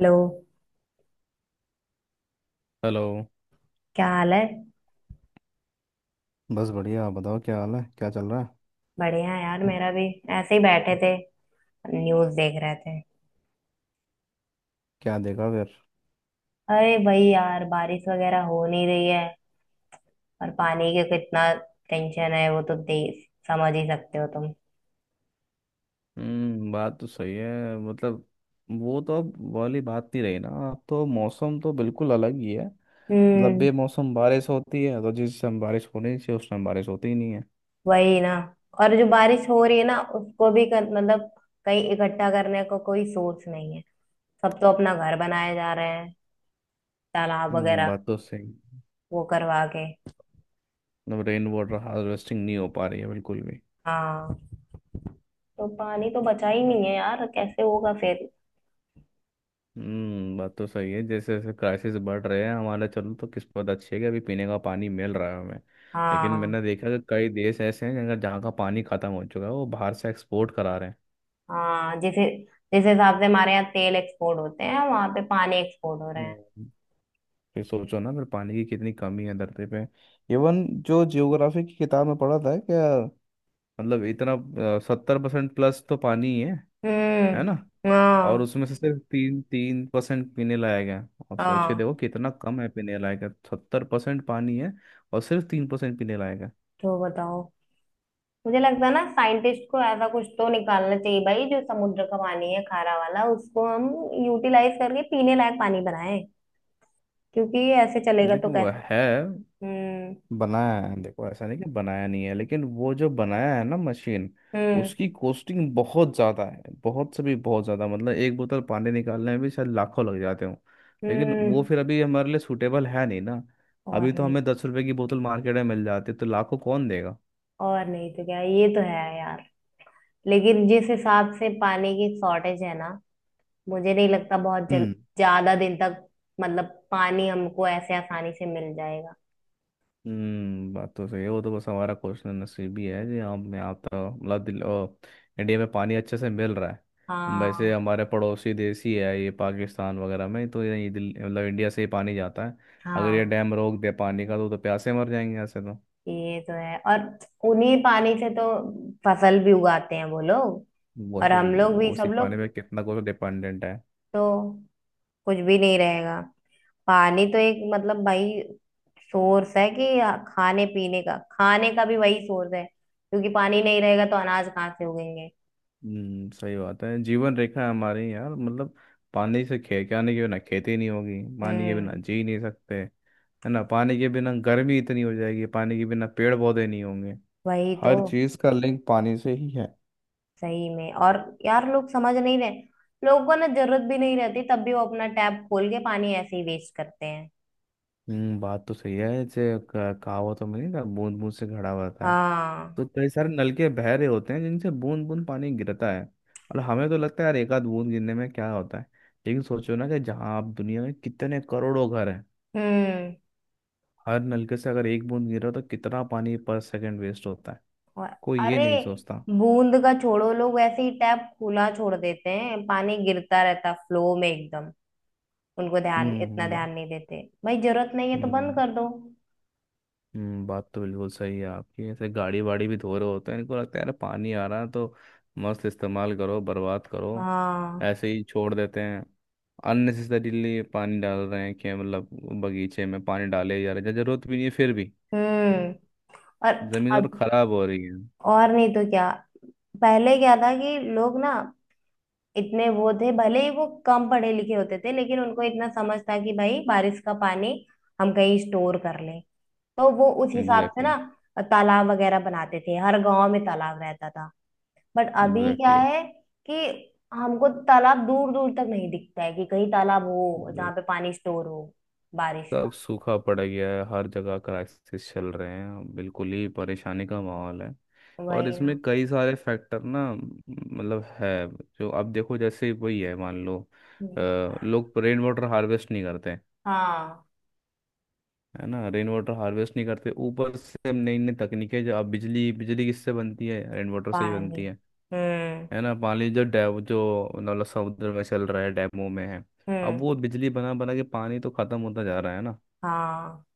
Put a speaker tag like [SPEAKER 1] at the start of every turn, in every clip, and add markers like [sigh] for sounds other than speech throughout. [SPEAKER 1] Hello.
[SPEAKER 2] Hello.
[SPEAKER 1] क्या हाल है?
[SPEAKER 2] बस बढ़िया। आप बताओ, क्या हाल है, क्या चल रहा है?
[SPEAKER 1] बढ़िया है यार, मेरा भी। ऐसे ही बैठे थे, न्यूज़ देख रहे थे।
[SPEAKER 2] क्या देखा फिर?
[SPEAKER 1] अरे भाई यार, बारिश वगैरह हो नहीं रही है और पानी का कितना टेंशन है वो तो दे, समझ ही सकते हो तुम।
[SPEAKER 2] हम्म। बात तो सही है मतलब। वो तो अब वाली बात नहीं रही ना, अब तो मौसम तो बिल्कुल अलग ही है। मतलब
[SPEAKER 1] हम्म।
[SPEAKER 2] बेमौसम बारिश होती है, तो जिस टाइम बारिश होनी चाहिए उस टाइम बारिश होती ही नहीं है।
[SPEAKER 1] वही ना। और जो बारिश हो रही है ना, उसको भी मतलब कहीं इकट्ठा करने को कोई सोच नहीं है। सब तो अपना घर बनाए जा रहे हैं, तालाब
[SPEAKER 2] हम्म।
[SPEAKER 1] वगैरह
[SPEAKER 2] बात तो सही।
[SPEAKER 1] वो करवा के।
[SPEAKER 2] मतलब रेन वाटर हार्वेस्टिंग नहीं हो पा रही है बिल्कुल भी।
[SPEAKER 1] हाँ, तो पानी तो बचा ही नहीं है यार, कैसे होगा फिर?
[SPEAKER 2] हम्म। बात तो सही है। जैसे जैसे क्राइसिस बढ़ रहे हैं हमारा, चलो तो किस्मत अच्छी है कि अभी पीने का पानी मिल रहा है हमें। लेकिन
[SPEAKER 1] हाँ।
[SPEAKER 2] मैंने देखा कि कई देश ऐसे हैं, जगह जहाँ का पानी खत्म हो चुका है, वो बाहर से एक्सपोर्ट करा रहे हैं।
[SPEAKER 1] हाँ, जिस जिस हिसाब से हमारे यहाँ तेल एक्सपोर्ट होते हैं वहां पे पानी एक्सपोर्ट हो रहे हैं।
[SPEAKER 2] हम्म। फिर सोचो ना, फिर पानी की कितनी कमी है धरती पे। इवन जो जियोग्राफी की किताब में पढ़ा था क्या, मतलब इतना 70% प्लस तो पानी ही है ना।
[SPEAKER 1] हम्म।
[SPEAKER 2] और
[SPEAKER 1] हाँ।
[SPEAKER 2] उसमें से सिर्फ तीन तीन परसेंट पीने लायक है। आप सोच के
[SPEAKER 1] हाँ,
[SPEAKER 2] देखो कितना कम है पीने लायक है, 70% पानी है। और सिर्फ 3% पीने लायक है।
[SPEAKER 1] तो बताओ, मुझे लगता है ना साइंटिस्ट को ऐसा कुछ तो निकालना चाहिए भाई, जो समुद्र का पानी है खारा वाला, उसको हम यूटिलाइज करके पीने लायक पानी बनाएं। क्योंकि ऐसे चलेगा तो
[SPEAKER 2] देखो वह
[SPEAKER 1] कैसे?
[SPEAKER 2] है,
[SPEAKER 1] हम्म।
[SPEAKER 2] बनाया है। देखो ऐसा नहीं कि बनाया नहीं है, लेकिन वो जो बनाया है ना मशीन,
[SPEAKER 1] हम्म।
[SPEAKER 2] उसकी कॉस्टिंग बहुत ज़्यादा है, बहुत से भी बहुत ज़्यादा, मतलब एक बोतल पानी निकालने में भी शायद लाखों लग जाते हो। लेकिन वो
[SPEAKER 1] हम्म।
[SPEAKER 2] फिर अभी हमारे लिए सूटेबल है नहीं ना।
[SPEAKER 1] और
[SPEAKER 2] अभी तो
[SPEAKER 1] नहीं।
[SPEAKER 2] हमें 10 रुपए की बोतल मार्केट में मिल जाती है, तो लाखों कौन देगा।
[SPEAKER 1] और नहीं तो क्या, ये तो है यार। लेकिन जिस हिसाब से पानी की शॉर्टेज है ना, मुझे नहीं लगता बहुत जल ज्यादा दिन तक, मतलब पानी हमको ऐसे आसानी से मिल जाएगा।
[SPEAKER 2] हम्म। बात तो सही है। वो तो बस हमारा क्वेश्चन नसीबी है जी, हमें आता मतलब इंडिया में पानी अच्छे से मिल रहा है वैसे।
[SPEAKER 1] हाँ।
[SPEAKER 2] हमारे पड़ोसी देश ही है ये, पाकिस्तान वगैरह में तो ये दिल मतलब इंडिया से ही पानी जाता है। अगर ये
[SPEAKER 1] हाँ,
[SPEAKER 2] डैम रोक दे पानी का तो प्यासे मर जाएंगे ऐसे तो।
[SPEAKER 1] ये तो है। और उन्हीं पानी से तो फसल भी उगाते हैं वो लोग, और
[SPEAKER 2] वही।
[SPEAKER 1] हम लोग
[SPEAKER 2] वो
[SPEAKER 1] भी,
[SPEAKER 2] उसी
[SPEAKER 1] सब
[SPEAKER 2] पानी
[SPEAKER 1] लोग।
[SPEAKER 2] पे कितना कुछ डिपेंडेंट है।
[SPEAKER 1] तो कुछ भी नहीं रहेगा। पानी तो एक मतलब भाई सोर्स है कि खाने पीने का, खाने का भी वही सोर्स है, क्योंकि पानी नहीं रहेगा तो अनाज कहाँ से उगेंगे?
[SPEAKER 2] हम्म। सही बात है, जीवन रेखा है हमारी यार मतलब। पानी से खे क्या नहीं, के बिना खेती नहीं होगी, पानी के बिना
[SPEAKER 1] हम्म।
[SPEAKER 2] जी नहीं सकते। है ना, पानी के बिना गर्मी इतनी हो जाएगी, पानी के बिना पेड़ पौधे नहीं होंगे।
[SPEAKER 1] वही तो।
[SPEAKER 2] हर चीज का लिंक पानी से ही है।
[SPEAKER 1] सही में। और यार लोग समझ नहीं रहे। लोगों को ना जरूरत भी नहीं रहती तब भी वो अपना टैप खोल के पानी ऐसे ही वेस्ट करते हैं।
[SPEAKER 2] हम्म। बात तो सही है। जैसे कहावतों में नहीं था, बूंद बूंद से घड़ा भरता है।
[SPEAKER 1] हाँ।
[SPEAKER 2] तो कई सारे नलके बह रहे होते हैं जिनसे बूंद बूंद पानी गिरता है। और हमें तो लगता है यार, एक आध बूंद गिरने में क्या होता है। लेकिन सोचो ना, कि जहाँ आप दुनिया में कितने करोड़ों घर हैं,
[SPEAKER 1] हम्म।
[SPEAKER 2] हर नलके से अगर एक बूंद गिर रहा हो तो कितना पानी पर सेकंड वेस्ट होता है।
[SPEAKER 1] और-
[SPEAKER 2] कोई ये
[SPEAKER 1] अरे,
[SPEAKER 2] नहीं सोचता।
[SPEAKER 1] बूंद का छोड़ो, लोग ऐसे ही टैप खुला छोड़ देते हैं, पानी गिरता रहता फ्लो में एकदम। उनको ध्यान इतना
[SPEAKER 2] हम्म। वाह।
[SPEAKER 1] ध्यान नहीं देते भाई, जरूरत नहीं है तो बंद
[SPEAKER 2] हम्म।
[SPEAKER 1] कर दो।
[SPEAKER 2] बात तो बिल्कुल सही है आपकी। ऐसे गाड़ी वाड़ी भी धो रहे होते हैं, इनको लगता है यार पानी आ रहा है तो मस्त इस्तेमाल करो, बर्बाद करो।
[SPEAKER 1] हाँ।
[SPEAKER 2] ऐसे ही छोड़ देते हैं। अननेसेसरीली पानी डाल रहे हैं कि मतलब, बगीचे में पानी डाले जा रहे हैं, जरूरत भी नहीं है फिर भी।
[SPEAKER 1] हम्म। और
[SPEAKER 2] जमीन और
[SPEAKER 1] अब,
[SPEAKER 2] खराब हो रही है।
[SPEAKER 1] और नहीं तो क्या, पहले क्या था कि लोग ना, इतने वो थे, भले ही वो कम पढ़े लिखे होते थे, लेकिन उनको इतना समझ था कि भाई बारिश का पानी हम कहीं स्टोर कर लें, तो वो उस हिसाब से
[SPEAKER 2] एग्जैक्टली,
[SPEAKER 1] ना तालाब वगैरह बनाते थे, हर गांव में तालाब रहता था। बट अभी क्या
[SPEAKER 2] एग्जैक्टली।
[SPEAKER 1] है कि हमको तालाब दूर दूर तक नहीं दिखता है कि कहीं तालाब हो जहाँ पे पानी स्टोर हो, बारिश का।
[SPEAKER 2] सब सूखा पड़ गया है, हर जगह क्राइसिस चल रहे हैं, बिल्कुल ही परेशानी का माहौल है। और
[SPEAKER 1] वही
[SPEAKER 2] इसमें
[SPEAKER 1] ना।
[SPEAKER 2] कई सारे फैक्टर ना मतलब है। जो अब देखो जैसे वही है मान लो, अ,
[SPEAKER 1] हम्म।
[SPEAKER 2] लोग रेन वाटर हार्वेस्ट नहीं करते।
[SPEAKER 1] हाँ।
[SPEAKER 2] है ना, रेन वाटर हार्वेस्ट नहीं करते, ऊपर से नई नई तकनीकें, जो अब बिजली बिजली किससे बनती है? रेन वाटर से ही
[SPEAKER 1] पानी।
[SPEAKER 2] बनती है। है
[SPEAKER 1] हम्म।
[SPEAKER 2] ना, पानी जो डैम जो मतलब समुद्र में चल रहा है डैमों में है। अब
[SPEAKER 1] हम्म।
[SPEAKER 2] वो बिजली बना बना के पानी तो खत्म होता जा रहा है ना।
[SPEAKER 1] हाँ।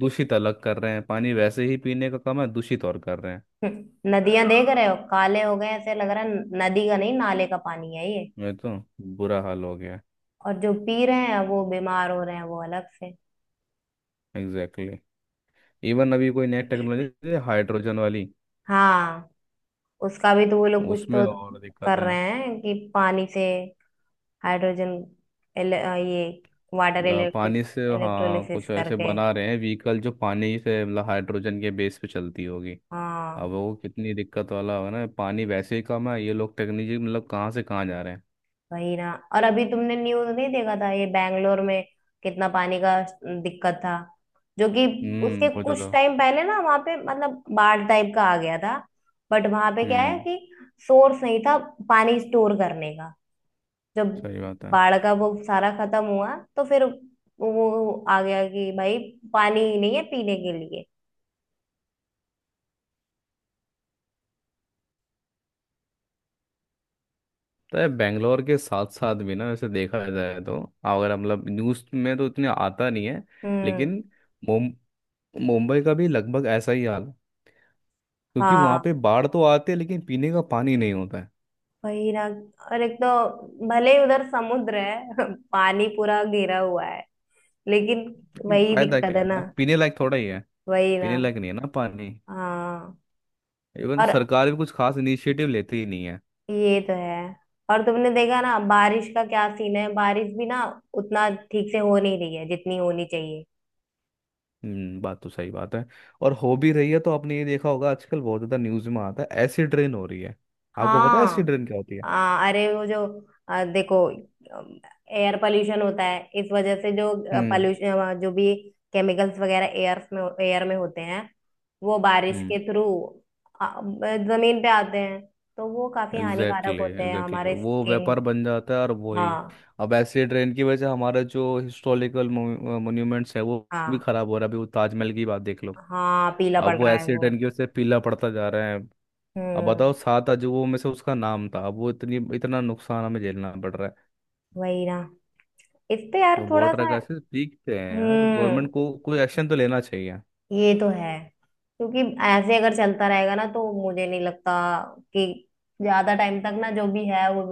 [SPEAKER 2] दूषित अलग कर रहे हैं, पानी वैसे ही पीने का कम है, दूषित और कर रहे हैं।
[SPEAKER 1] नदियां देख रहे हो, काले हो गए, ऐसे लग रहा है नदी का नहीं, नाले का पानी है ये।
[SPEAKER 2] मैं तो, बुरा हाल हो गया।
[SPEAKER 1] और जो पी रहे हैं वो बीमार हो रहे हैं, वो अलग से।
[SPEAKER 2] Exactly exactly। इवन अभी कोई नई टेक्नोलॉजी हाइड्रोजन वाली,
[SPEAKER 1] हाँ। उसका भी तो वो लोग कुछ
[SPEAKER 2] उसमें
[SPEAKER 1] तो
[SPEAKER 2] और दिक्कत
[SPEAKER 1] कर
[SPEAKER 2] है।
[SPEAKER 1] रहे हैं कि पानी से हाइड्रोजन, एल, अ, ये वाटर इलेक्ट्रिक
[SPEAKER 2] पानी से हाँ,
[SPEAKER 1] इलेक्ट्रोलिसिस
[SPEAKER 2] कुछ ऐसे
[SPEAKER 1] करके।
[SPEAKER 2] बना रहे हैं व्हीकल, जो पानी से मतलब हाइड्रोजन के बेस पे चलती होगी। अब
[SPEAKER 1] हाँ।
[SPEAKER 2] वो कितनी दिक्कत वाला होगा ना, पानी वैसे ही कम है, ये लोग टेक्नोलॉजी मतलब कहाँ से कहाँ जा रहे हैं।
[SPEAKER 1] वही ना। और अभी तुमने न्यूज नहीं देखा था ये, बैंगलोर में कितना पानी का दिक्कत था, जो कि उसके
[SPEAKER 2] हम्म। बहुत
[SPEAKER 1] कुछ
[SPEAKER 2] ज़्यादा।
[SPEAKER 1] टाइम पहले ना वहां पे मतलब बाढ़ टाइप का आ गया था। बट वहां पे क्या है
[SPEAKER 2] हम्म।
[SPEAKER 1] कि सोर्स नहीं था पानी स्टोर करने का। जब
[SPEAKER 2] सही बात है।
[SPEAKER 1] बाढ़ का वो सारा खत्म हुआ तो फिर वो आ गया कि भाई पानी ही नहीं है पीने के लिए।
[SPEAKER 2] तो बेंगलोर के साथ साथ भी ना वैसे देखा जाए तो, अगर मतलब न्यूज़ में तो इतने आता नहीं है,
[SPEAKER 1] हम्म।
[SPEAKER 2] लेकिन मुम- मुंबई का भी लगभग ऐसा ही हाल है। क्योंकि वहाँ
[SPEAKER 1] हाँ।
[SPEAKER 2] पे बाढ़ तो आती है, लेकिन पीने का पानी नहीं होता है।
[SPEAKER 1] वही ना। और एक तो भले ही उधर समुद्र है [laughs] पानी पूरा घेरा हुआ है, लेकिन
[SPEAKER 2] लेकिन
[SPEAKER 1] वही
[SPEAKER 2] फायदा
[SPEAKER 1] दिक्कत
[SPEAKER 2] क्या
[SPEAKER 1] है
[SPEAKER 2] है ना,
[SPEAKER 1] ना।
[SPEAKER 2] पीने लायक थोड़ा ही है।
[SPEAKER 1] वही ना।
[SPEAKER 2] पीने लायक नहीं है ना पानी।
[SPEAKER 1] हाँ।
[SPEAKER 2] इवन
[SPEAKER 1] और
[SPEAKER 2] सरकार भी कुछ खास इनिशिएटिव लेती ही नहीं है।
[SPEAKER 1] ये तो है। और तुमने देखा ना बारिश का क्या सीन है, बारिश भी ना उतना ठीक से हो नहीं रही है जितनी होनी चाहिए।
[SPEAKER 2] हम्म। बात तो सही बात है। और हो भी रही है तो आपने ये देखा होगा, आजकल बहुत ज़्यादा न्यूज़ में आता है, एसिड रेन हो रही है। आपको पता है
[SPEAKER 1] हाँ।
[SPEAKER 2] एसिड रेन क्या होती है?
[SPEAKER 1] अरे वो जो, देखो, एयर पोल्यूशन होता है, इस वजह से जो पोल्यूशन जो भी केमिकल्स वगैरह एयर में होते हैं, वो बारिश
[SPEAKER 2] हम्म।
[SPEAKER 1] के थ्रू जमीन पे आते हैं, तो वो काफी हानिकारक
[SPEAKER 2] एग्जैक्टली
[SPEAKER 1] होते
[SPEAKER 2] exactly,
[SPEAKER 1] हैं
[SPEAKER 2] एग्जैक्टली
[SPEAKER 1] हमारे
[SPEAKER 2] exactly। वो व्यापार
[SPEAKER 1] स्किन।
[SPEAKER 2] बन जाता है और वही।
[SPEAKER 1] हाँ।
[SPEAKER 2] अब ऐसे ट्रेन की वजह से हमारा जो हिस्टोरिकल मोन्यूमेंट्स है वो भी
[SPEAKER 1] हाँ।
[SPEAKER 2] खराब हो रहा है, अभी वो ताजमहल की बात देख लो।
[SPEAKER 1] हाँ, पीला पड़
[SPEAKER 2] अब वो
[SPEAKER 1] रहा है
[SPEAKER 2] ऐसे
[SPEAKER 1] वो।
[SPEAKER 2] ट्रेन की वजह से पीला पड़ता जा रहा है। अब
[SPEAKER 1] हम्म।
[SPEAKER 2] बताओ, सात अजूबों में से उसका नाम था, अब वो इतनी इतना नुकसान हमें झेलना पड़ रहा है।
[SPEAKER 1] वही ना। इस पे यार
[SPEAKER 2] तो
[SPEAKER 1] थोड़ा
[SPEAKER 2] वाटर
[SPEAKER 1] सा।
[SPEAKER 2] का ऐसे पीकते हैं यार,
[SPEAKER 1] हम्म।
[SPEAKER 2] गवर्नमेंट को कोई एक्शन तो लेना चाहिए।
[SPEAKER 1] ये तो है। क्योंकि ऐसे अगर चलता रहेगा ना, तो मुझे नहीं लगता कि ज्यादा टाइम तक ना जो भी है वो।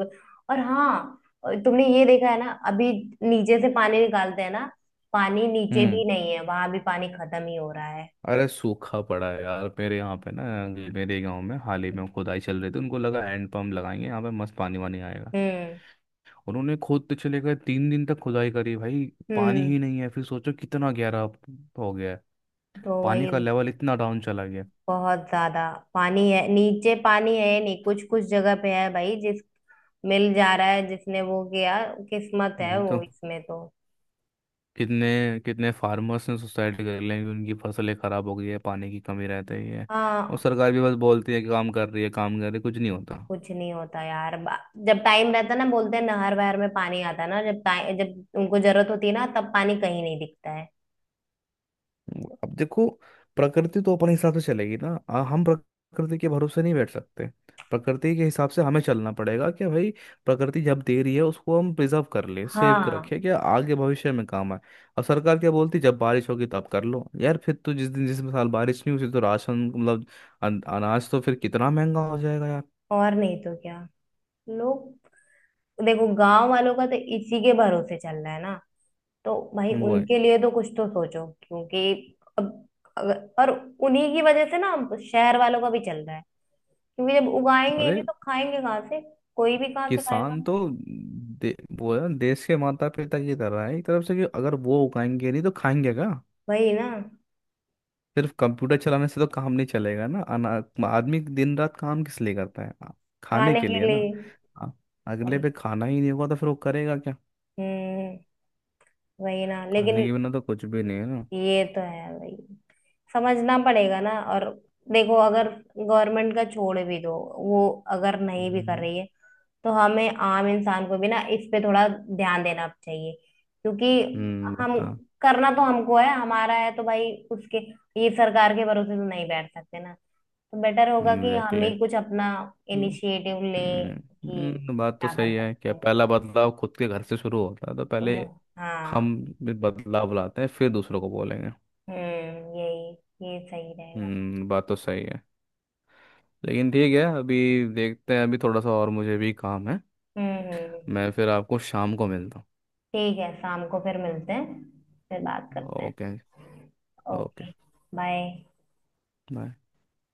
[SPEAKER 1] और हाँ, तुमने ये देखा है ना अभी, नीचे से पानी निकालते हैं ना, पानी नीचे भी
[SPEAKER 2] हम्म।
[SPEAKER 1] नहीं है, वहां भी पानी खत्म ही हो रहा है।
[SPEAKER 2] अरे सूखा पड़ा है यार मेरे यहाँ पे ना। मेरे गांव में हाल ही में खुदाई चल रही थी, उनको लगा हैंड पंप लगाएंगे यहाँ पे मस्त पानी वानी आएगा।
[SPEAKER 1] हम्म।
[SPEAKER 2] उन्होंने खोदते चले गए, 3 दिन तक खुदाई करी भाई। पानी
[SPEAKER 1] हम्म।
[SPEAKER 2] ही नहीं है, फिर सोचो कितना गहरा हो गया है।
[SPEAKER 1] तो
[SPEAKER 2] पानी
[SPEAKER 1] वही,
[SPEAKER 2] का लेवल इतना डाउन चला गया।
[SPEAKER 1] बहुत ज्यादा। पानी है नीचे, पानी है नहीं, कुछ कुछ जगह पे है भाई, जिस मिल जा रहा है जिसने वो किया, किस्मत है
[SPEAKER 2] नहीं तो
[SPEAKER 1] वो, इसमें तो।
[SPEAKER 2] कितने कितने फार्मर्स ने सुसाइड कर लिया, कि उनकी फसलें खराब हो गई है, पानी की कमी रहती है। और
[SPEAKER 1] हाँ।
[SPEAKER 2] सरकार भी बस बोलती है कि काम कर रही है, काम कर रही है, कुछ नहीं होता।
[SPEAKER 1] कुछ नहीं होता यार जब टाइम रहता ना बोलते हैं नहर वहर में पानी आता ना, जब उनको जरूरत होती है ना तब पानी कहीं नहीं दिखता है।
[SPEAKER 2] अब देखो, प्रकृति तो अपने हिसाब से चलेगी ना, हम प्रकृति के भरोसे नहीं बैठ सकते। प्रकृति के हिसाब से हमें चलना पड़ेगा कि भाई, प्रकृति जब दे रही है उसको हम प्रिजर्व कर ले, सेव कर
[SPEAKER 1] हाँ।
[SPEAKER 2] रखे, क्या आगे भविष्य में काम आए। अब सरकार क्या बोलती, जब बारिश होगी तब कर लो यार, फिर तो जिस दिन जिस साल बारिश नहीं हुई तो राशन मतलब, अनाज तो फिर कितना महंगा हो जाएगा यार।
[SPEAKER 1] और नहीं तो क्या। लोग, देखो, गांव वालों का तो इसी के भरोसे चल रहा है ना। तो भाई
[SPEAKER 2] वो है।
[SPEAKER 1] उनके लिए तो कुछ तो सोचो, क्योंकि अब, अगर और उन्हीं की वजह से ना अब शहर वालों का भी चल रहा है, क्योंकि जब उगाएंगे ही नहीं
[SPEAKER 2] अरे
[SPEAKER 1] तो खाएंगे कहाँ से, कोई भी कहाँ से खाएगा।
[SPEAKER 2] किसान तो वो है देश के माता पिता की तरह है एक तरफ से, कि अगर वो उगाएंगे नहीं तो खाएंगे क्या।
[SPEAKER 1] वही ना।
[SPEAKER 2] सिर्फ कंप्यूटर चलाने से तो काम नहीं चलेगा ना, अना आदमी दिन रात काम किस लिए करता है? खाने
[SPEAKER 1] खाने
[SPEAKER 2] के
[SPEAKER 1] के
[SPEAKER 2] लिए ना।
[SPEAKER 1] लिए।
[SPEAKER 2] आ- अगले पे खाना ही नहीं होगा तो फिर वो करेगा क्या।
[SPEAKER 1] हम्म। वही ना,
[SPEAKER 2] खाने
[SPEAKER 1] लेकिन
[SPEAKER 2] के बिना तो कुछ भी नहीं है ना।
[SPEAKER 1] ये तो है भाई, समझना पड़ेगा ना। और देखो, अगर गवर्नमेंट का छोड़ भी दो, वो अगर नहीं भी कर
[SPEAKER 2] हम्म।
[SPEAKER 1] रही है, तो हमें आम इंसान को भी ना इस पे थोड़ा ध्यान देना चाहिए, क्योंकि हम
[SPEAKER 2] बता
[SPEAKER 1] करना तो हमको है, हमारा है तो भाई। उसके ये सरकार के भरोसे तो नहीं बैठ सकते ना, तो बेटर होगा कि हम
[SPEAKER 2] एग्जैक्टली।
[SPEAKER 1] ही कुछ अपना
[SPEAKER 2] हम्म।
[SPEAKER 1] इनिशिएटिव लें कि
[SPEAKER 2] बात तो
[SPEAKER 1] क्या कर
[SPEAKER 2] सही है।
[SPEAKER 1] सकते
[SPEAKER 2] क्या
[SPEAKER 1] हैं।
[SPEAKER 2] पहला बदलाव खुद के घर से शुरू होता है? तो
[SPEAKER 1] तो
[SPEAKER 2] पहले
[SPEAKER 1] हाँ।
[SPEAKER 2] हम भी बदलाव लाते हैं, फिर दूसरों को बोलेंगे।
[SPEAKER 1] हम्म। यही ये सही रहेगा।
[SPEAKER 2] हम्म। बात तो सही है। लेकिन ठीक है, अभी देखते हैं, अभी थोड़ा सा, और मुझे भी काम है।
[SPEAKER 1] हम्म। हम्म।
[SPEAKER 2] मैं फिर आपको शाम को मिलता हूँ।
[SPEAKER 1] ठीक है, शाम को फिर मिलते हैं। फिर बात करते हैं।
[SPEAKER 2] Okay. Okay.
[SPEAKER 1] Okay. Bye.
[SPEAKER 2] Bye.